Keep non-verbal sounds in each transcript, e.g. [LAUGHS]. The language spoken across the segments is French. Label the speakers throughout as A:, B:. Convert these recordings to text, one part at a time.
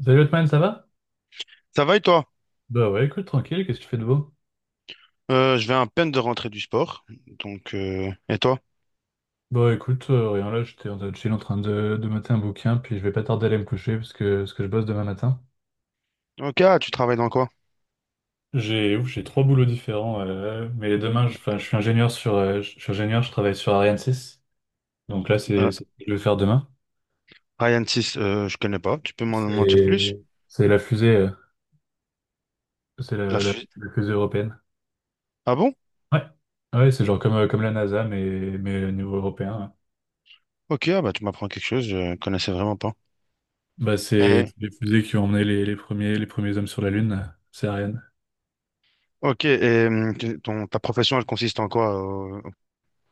A: Salut Otman, ça va?
B: Ça va et toi?
A: Bah ouais, écoute, tranquille, qu'est-ce que tu fais de beau?
B: Je viens à peine de rentrer du sport. Donc, et toi?
A: Bah écoute, rien là, j'étais en train de chill en train de mater un bouquin, puis je vais pas tarder à aller me coucher parce que je bosse demain matin.
B: Ok, ah, tu travailles dans quoi?
A: J'ai trois boulots différents, mais demain, enfin, je suis ingénieur je suis ingénieur, je travaille sur Ariane 6, donc là, c'est
B: Euh,
A: c'est ce que je vais faire demain.
B: Ryan 6, je connais pas. Tu peux m'en dire plus?
A: C'est c'est la fusée, c'est
B: La
A: la, la-
B: fu-
A: la fusée européenne.
B: Ah bon?
A: Ouais, ouais, c'est genre comme, comme la NASA, mais au niveau européen. Ouais.
B: Ok, ah bah, tu m'apprends quelque chose, je connaissais vraiment pas.
A: Bah c'est
B: Et-
A: c'est les fusées qui ont emmené les premiers hommes sur la Lune, c'est Ariane.
B: ok, et ta profession, elle consiste en quoi?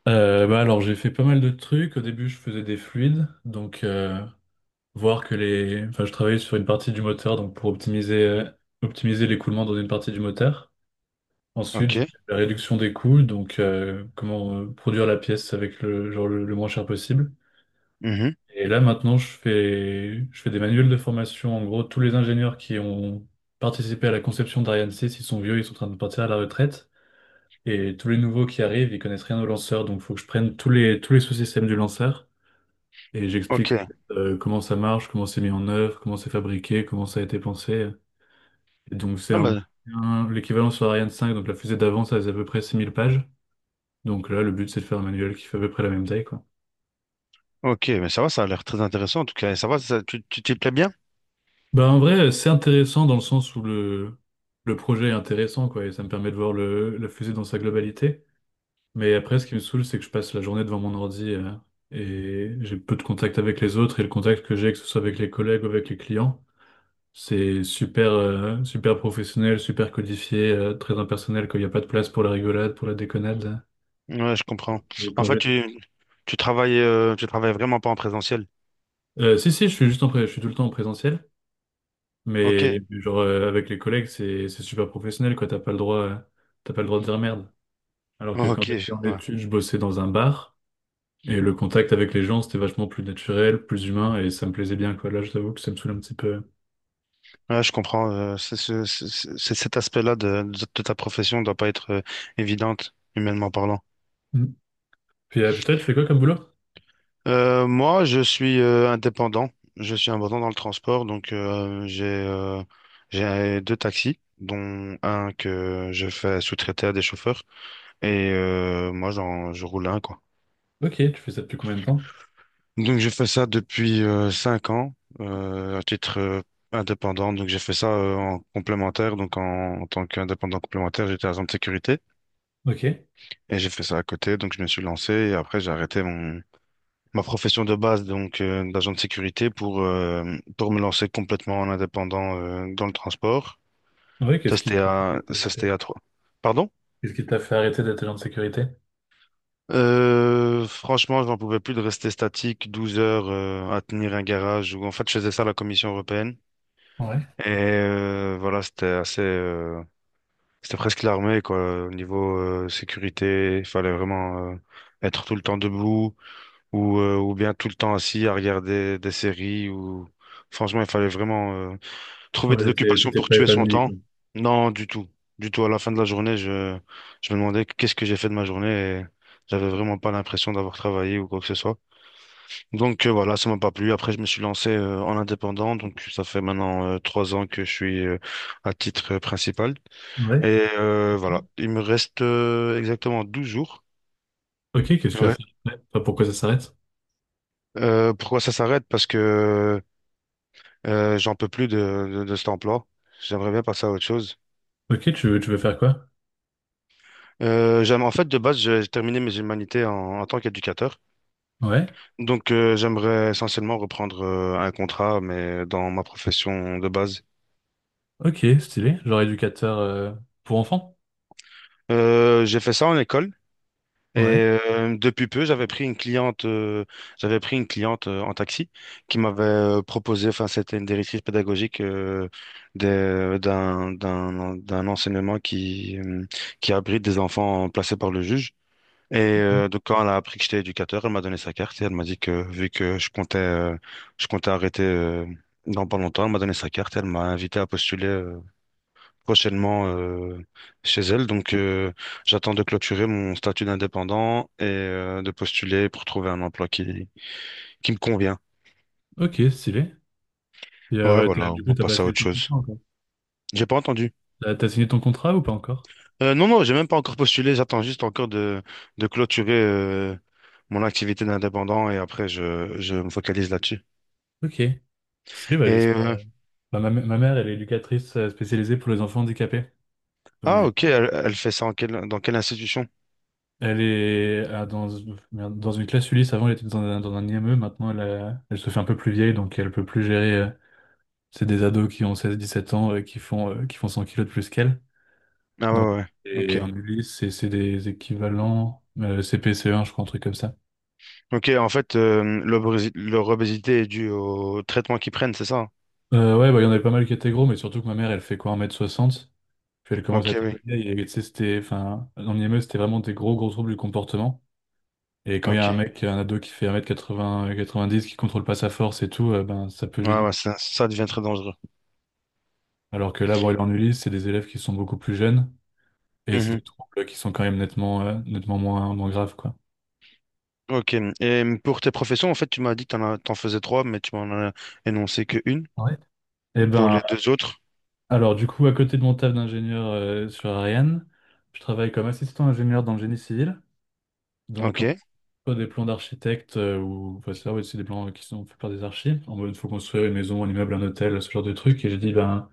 A: Bah alors j'ai fait pas mal de trucs. Au début je faisais des fluides, donc voir que les. Enfin je travaillais sur une partie du moteur, donc pour optimiser l'écoulement dans une partie du moteur. Ensuite
B: Ok.
A: j'ai fait la réduction des coûts, donc comment produire la pièce avec le genre le moins cher possible.
B: Mhm.
A: Et là maintenant je fais des manuels de formation. En gros tous les ingénieurs qui ont participé à la conception d'Ariane 6, ils sont vieux, ils sont en train de partir à la retraite. Et tous les nouveaux qui arrivent, ils connaissent rien au lanceur, donc faut que je prenne tous les sous-systèmes du lanceur. Et j'explique en
B: Ok.
A: fait, comment ça marche, comment c'est mis en œuvre, comment c'est fabriqué, comment ça a été pensé. Et donc
B: Ah bah,
A: l'équivalent sur Ariane 5, donc la fusée d'avant, ça faisait à peu près 6 000 pages. Donc là, le but, c'est de faire un manuel qui fait à peu près la même taille, quoi.
B: ok, mais ça va, ça a l'air très intéressant en tout cas. Et ça va, tu t'y plais bien?
A: Bah en vrai, c'est intéressant dans le sens où le projet est intéressant, quoi, et ça me permet de voir la fusée dans sa globalité. Mais après, ce qui me saoule, c'est que je passe la journée devant mon ordi et j'ai peu de contact avec les autres, et le contact que j'ai, que ce soit avec les collègues ou avec les clients, c'est super, super professionnel, super codifié, très impersonnel, qu'il n'y a pas de place pour la rigolade, pour la déconnade.
B: Ouais, je comprends.
A: Donc,
B: En fait, tu travailles vraiment pas en présentiel.
A: Si, si, je suis tout le temps en présentiel,
B: Ok,
A: mais genre avec les collègues, c'est super professionnel, quoi. T'as pas le droit, t'as pas le droit de dire merde. Alors que quand
B: ok,
A: j'étais en
B: ouais.
A: études, je bossais dans un bar et le contact avec les gens, c'était vachement plus naturel, plus humain et ça me plaisait bien, quoi. Là, je t'avoue que ça me saoule un petit peu.
B: Ouais, je comprends. Cet aspect-là de ta profession doit pas être évidente, humainement parlant.
A: Mm. Puis toi, tu fais quoi comme boulot?
B: Moi, je suis indépendant. Je suis indépendant dans le transport, donc j'ai deux taxis, dont un que je fais sous-traiter à des chauffeurs, et moi, je roule un, quoi.
A: Ok, tu fais ça depuis combien de temps?
B: Donc, je fais ça depuis 5 ans, à titre indépendant. Donc, j'ai fait ça en complémentaire. Donc, en tant qu'indépendant complémentaire, j'étais agent de sécurité,
A: Ok.
B: et j'ai fait ça à côté. Donc, je me suis lancé, et après, j'ai arrêté mon ma profession de base, donc d'agent de sécurité, pour me lancer complètement en indépendant dans le transport.
A: Ouais, qu'est-ce qui...
B: Ça, c'était à trois. Pardon?
A: Qu'est-ce qui t'a fait arrêter d'être agent de sécurité?
B: Franchement, je n'en pouvais plus de rester statique 12 heures à tenir un garage. Ou en fait, je faisais ça à la Commission européenne.
A: Ouais.
B: Et voilà, c'était presque l'armée quoi. Au niveau sécurité, il fallait vraiment être tout le temps debout ou bien tout le temps assis à regarder des séries. Ou franchement, il fallait vraiment trouver
A: Ouais,
B: des
A: t'étais
B: occupations
A: t'étais
B: pour
A: pas
B: tuer son
A: épanoui,
B: temps?
A: quoi.
B: Non, du tout. Du tout. À la fin de la journée, je me demandais qu'est-ce que j'ai fait de ma journée, et j'avais vraiment pas l'impression d'avoir travaillé ou quoi que ce soit. Donc voilà, ça m'a pas plu. Après, je me suis lancé en indépendant. Donc ça fait maintenant 3 ans que je suis à titre principal.
A: Ouais.
B: Et voilà, il me reste exactement 12 jours.
A: Ok, qu'est-ce que tu vas
B: Ouais.
A: faire après? Enfin, pourquoi ça s'arrête?
B: Pourquoi ça s'arrête? Parce que j'en peux plus de cet emploi. J'aimerais bien passer à autre chose.
A: Ok, tu veux faire quoi?
B: En fait, de base, j'ai terminé mes humanités en tant qu'éducateur.
A: Ouais,
B: Donc, j'aimerais essentiellement reprendre un contrat, mais dans ma profession de base.
A: ok, stylé. Genre éducateur pour enfants?
B: J'ai fait ça en école, et
A: Ouais,
B: depuis peu, j'avais pris une cliente en taxi qui m'avait proposé, enfin, c'était une directrice pédagogique d'un enseignement qui abrite des enfants placés par le juge. Et
A: ok.
B: donc quand elle a appris que j'étais éducateur, elle m'a donné sa carte et elle m'a dit que vu que je comptais arrêter dans pas longtemps, elle m'a donné sa carte et elle m'a invité à postuler prochainement chez elle. Donc j'attends de clôturer mon statut d'indépendant et de postuler pour trouver un emploi qui me convient.
A: Ok, stylé. Et,
B: Ouais,
A: ouais,
B: voilà, on
A: du coup,
B: va
A: t'as pas
B: passer à
A: signé
B: autre
A: ton
B: chose.
A: contrat encore?
B: J'ai pas entendu.
A: T'as signé ton contrat ou pas encore?
B: Non, non, j'ai même pas encore postulé. J'attends juste encore de clôturer mon activité d'indépendant, et après je me focalise là-dessus.
A: Ok, stylé, bah,
B: Et
A: j'espère.
B: euh,
A: Bah, ma mère, elle est éducatrice spécialisée pour les enfants handicapés. Donc,
B: Ah,
A: je...
B: ok, elle fait ça dans quelle institution?
A: Elle est, merde, dans une classe Ulysse. Avant, elle était dans un IME. Maintenant, elle se fait un peu plus vieille, donc elle peut plus gérer. C'est des ados qui ont 16, 17 ans qui font 100 kilos de plus qu'elle.
B: Ah
A: Donc,
B: ouais, ouais, ouais, ok.
A: et en Ulysse, c'est des équivalents cpce un, je crois, un truc comme ça.
B: Ok, en fait, leur obésité est due au traitement qu'ils prennent, c'est ça?
A: Ouais, bah, il y en avait pas mal qui étaient gros, mais surtout que ma mère, elle fait quoi, 1 m 60. Puis elle commence à
B: Ok,
A: être un
B: oui,
A: peu vieille. Et tu sais, c'était, enfin, en IME, c'était vraiment des gros, gros troubles du comportement. Et quand il y a un
B: ok.
A: mec, un ado qui fait 1 quatre-vingt-dix, qui contrôle pas sa force et tout, ben, ça peut
B: Ouais,
A: vite...
B: ouais, ça devient très dangereux.
A: Alors que là, bon, il est en Ulysse, c'est des élèves qui sont beaucoup plus jeunes et c'est
B: Mhm.
A: des troubles qui sont quand même nettement moins graves, quoi.
B: Ok, et pour tes professions, en fait, tu m'as dit que t'en faisais trois, mais tu m'en as énoncé que une
A: Ouais. Eh
B: pour les
A: ben,
B: deux autres.
A: alors du coup, à côté de mon taf d'ingénieur sur Ariane, je travaille comme assistant ingénieur dans le génie civil. Donc,
B: Ok,
A: on fait des plans d'architecte ou enfin, ça, ouais, c'est des plans qui sont faits par des archives. En mode, il faut construire une maison, un immeuble, un hôtel, ce genre de truc. Et j'ai dit, ben,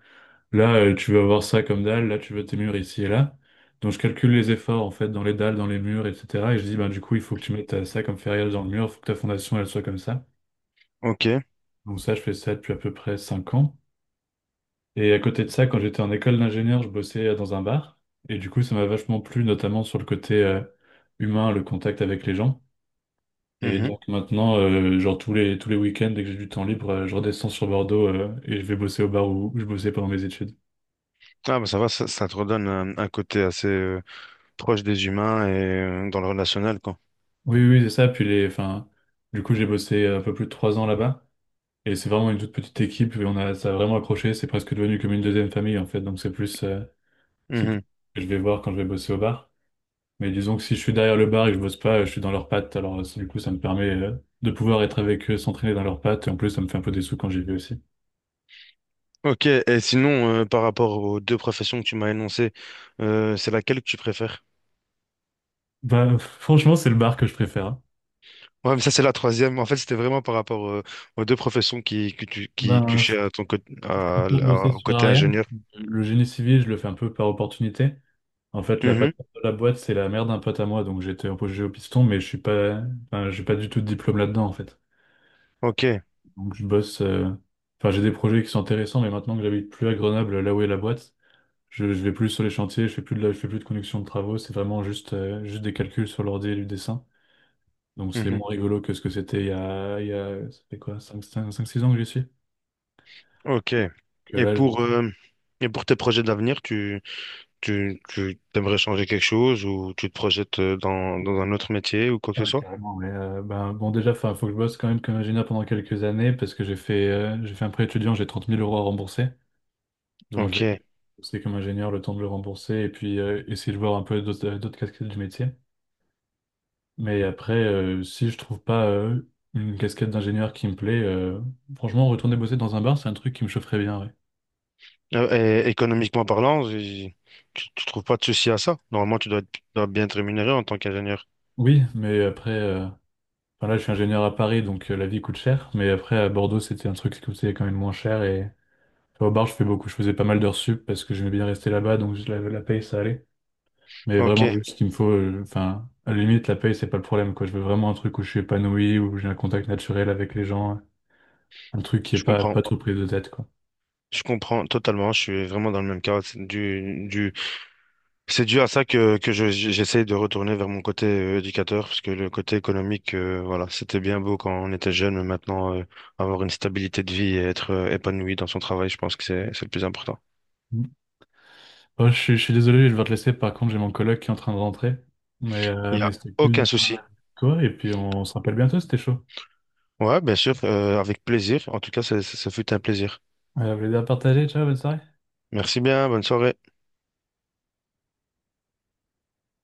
A: là, tu veux avoir ça comme dalle, là, tu veux tes murs ici et là. Donc, je calcule les efforts, en fait, dans les dalles, dans les murs, etc. Et je dis, ben, du coup, il faut que tu mettes ça comme ferrière dans le mur, il faut que ta fondation, elle soit comme ça.
B: ok.
A: Donc, ça, je fais ça depuis à peu près 5 ans. Et à côté de ça, quand j'étais en école d'ingénieur, je bossais dans un bar. Et du coup, ça m'a vachement plu, notamment sur le côté humain, le contact avec les gens. Et
B: Mhm.
A: donc, maintenant, genre, tous les week-ends, dès que j'ai du temps libre, je redescends sur Bordeaux et je vais bosser au bar où je bossais pendant mes études.
B: Ah, bah ça va, ça te redonne un côté assez proche des humains, et dans le relationnel, quoi.
A: Oui, oui, c'est ça. Puis enfin, du coup, j'ai bossé un peu plus de 3 ans là-bas. Et c'est vraiment une toute petite équipe. Et ça a vraiment accroché. C'est presque devenu comme une deuxième famille, en fait. Donc, c'est plus
B: Mhm.
A: ce que je vais voir quand je vais bosser au bar. Mais disons que si je suis derrière le bar et que je bosse pas, je suis dans leurs pattes. Alors, du coup, ça me permet, de pouvoir être avec eux, s'entraîner dans leurs pattes. Et en plus, ça me fait un peu des sous quand j'y vais aussi.
B: Ok, et sinon, par rapport aux deux professions que tu m'as énoncées, c'est laquelle que tu préfères?
A: Bah, [LAUGHS] franchement, c'est le bar que je préfère. Hein.
B: Ouais, mais ça, c'est la troisième. En fait, c'était vraiment par rapport aux deux professions qui
A: Ben, je,
B: touchaient à ton côté,
A: je préfère bosser
B: au
A: sur
B: côté
A: Ariane.
B: ingénieur.
A: Le génie civil, je le fais un peu par opportunité. En fait, la
B: Mhm.
A: patronne de la boîte, c'est la mère d'un pote à moi, donc j'étais embauché au piston, mais je suis pas, enfin, j'ai pas du tout de diplôme là-dedans, en fait.
B: Ok.
A: Donc je bosse, enfin, j'ai des projets qui sont intéressants, mais maintenant que j'habite plus à Grenoble, là où est la boîte, je vais plus sur les chantiers, je fais plus de je fais plus de conduction de travaux, c'est vraiment juste, juste des calculs sur l'ordi et du dessin. Donc c'est
B: Mhm.
A: moins rigolo que ce que c'était ça fait quoi, 5, 6 ans que j'y suis.
B: Ok.
A: Que
B: Et
A: là, je...
B: pour, euh, et pour tes projets d'avenir, tu aimerais changer quelque chose, ou tu te projettes dans un autre métier ou quoi que
A: Ah,
B: ce soit?
A: carrément, mais ben, bon, déjà, enfin, faut que je bosse quand même comme ingénieur pendant quelques années parce que j'ai fait un prêt étudiant, j'ai 30 000 euros à rembourser. Donc, je
B: Ok.
A: vais bosser comme ingénieur le temps de le rembourser et puis essayer de voir un peu d'autres casquettes du métier. Mais après, si je trouve pas une casquette d'ingénieur qui me plaît, franchement, retourner bosser dans un bar, c'est un truc qui me chaufferait bien, ouais.
B: Économiquement parlant, tu trouves pas de souci à ça? Normalement, tu dois bien être rémunéré en tant qu'ingénieur.
A: Oui, mais après, enfin là, je suis ingénieur à Paris, donc la vie coûte cher. Mais après, à Bordeaux, c'était un truc qui coûtait quand même moins cher. Et enfin, au bar, je fais beaucoup. Je faisais pas mal d'heures sup parce que j'aimais bien rester là-bas, donc la paye, ça allait. Mais vraiment,
B: Ok,
A: juste ce qu'il me faut, enfin, à la limite, la paye, c'est pas le problème, quoi. Je veux vraiment un truc où je suis épanoui, où j'ai un contact naturel avec les gens, un truc qui est
B: je
A: pas,
B: comprends.
A: pas trop pris de tête, quoi.
B: Je comprends totalement. Je suis vraiment dans le même cas. C'est dû à ça j'essaie de retourner vers mon côté éducateur, parce que le côté économique, voilà, c'était bien beau quand on était jeune, mais maintenant, avoir une stabilité de vie et être épanoui dans son travail, je pense que c'est le plus important.
A: Oh, je suis désolé, je vais devoir te laisser. Par contre, j'ai mon collègue qui est en train de rentrer. Mais, euh,
B: Il n'y
A: mais
B: a
A: c'était cool de
B: aucun
A: parler
B: souci.
A: avec toi. Et puis, on se rappelle bientôt, c'était chaud.
B: Ouais, bien sûr, avec plaisir. En tout cas, ça fut un plaisir.
A: Plaisir à partager. Ciao, bonne soirée.
B: Merci bien, bonne soirée.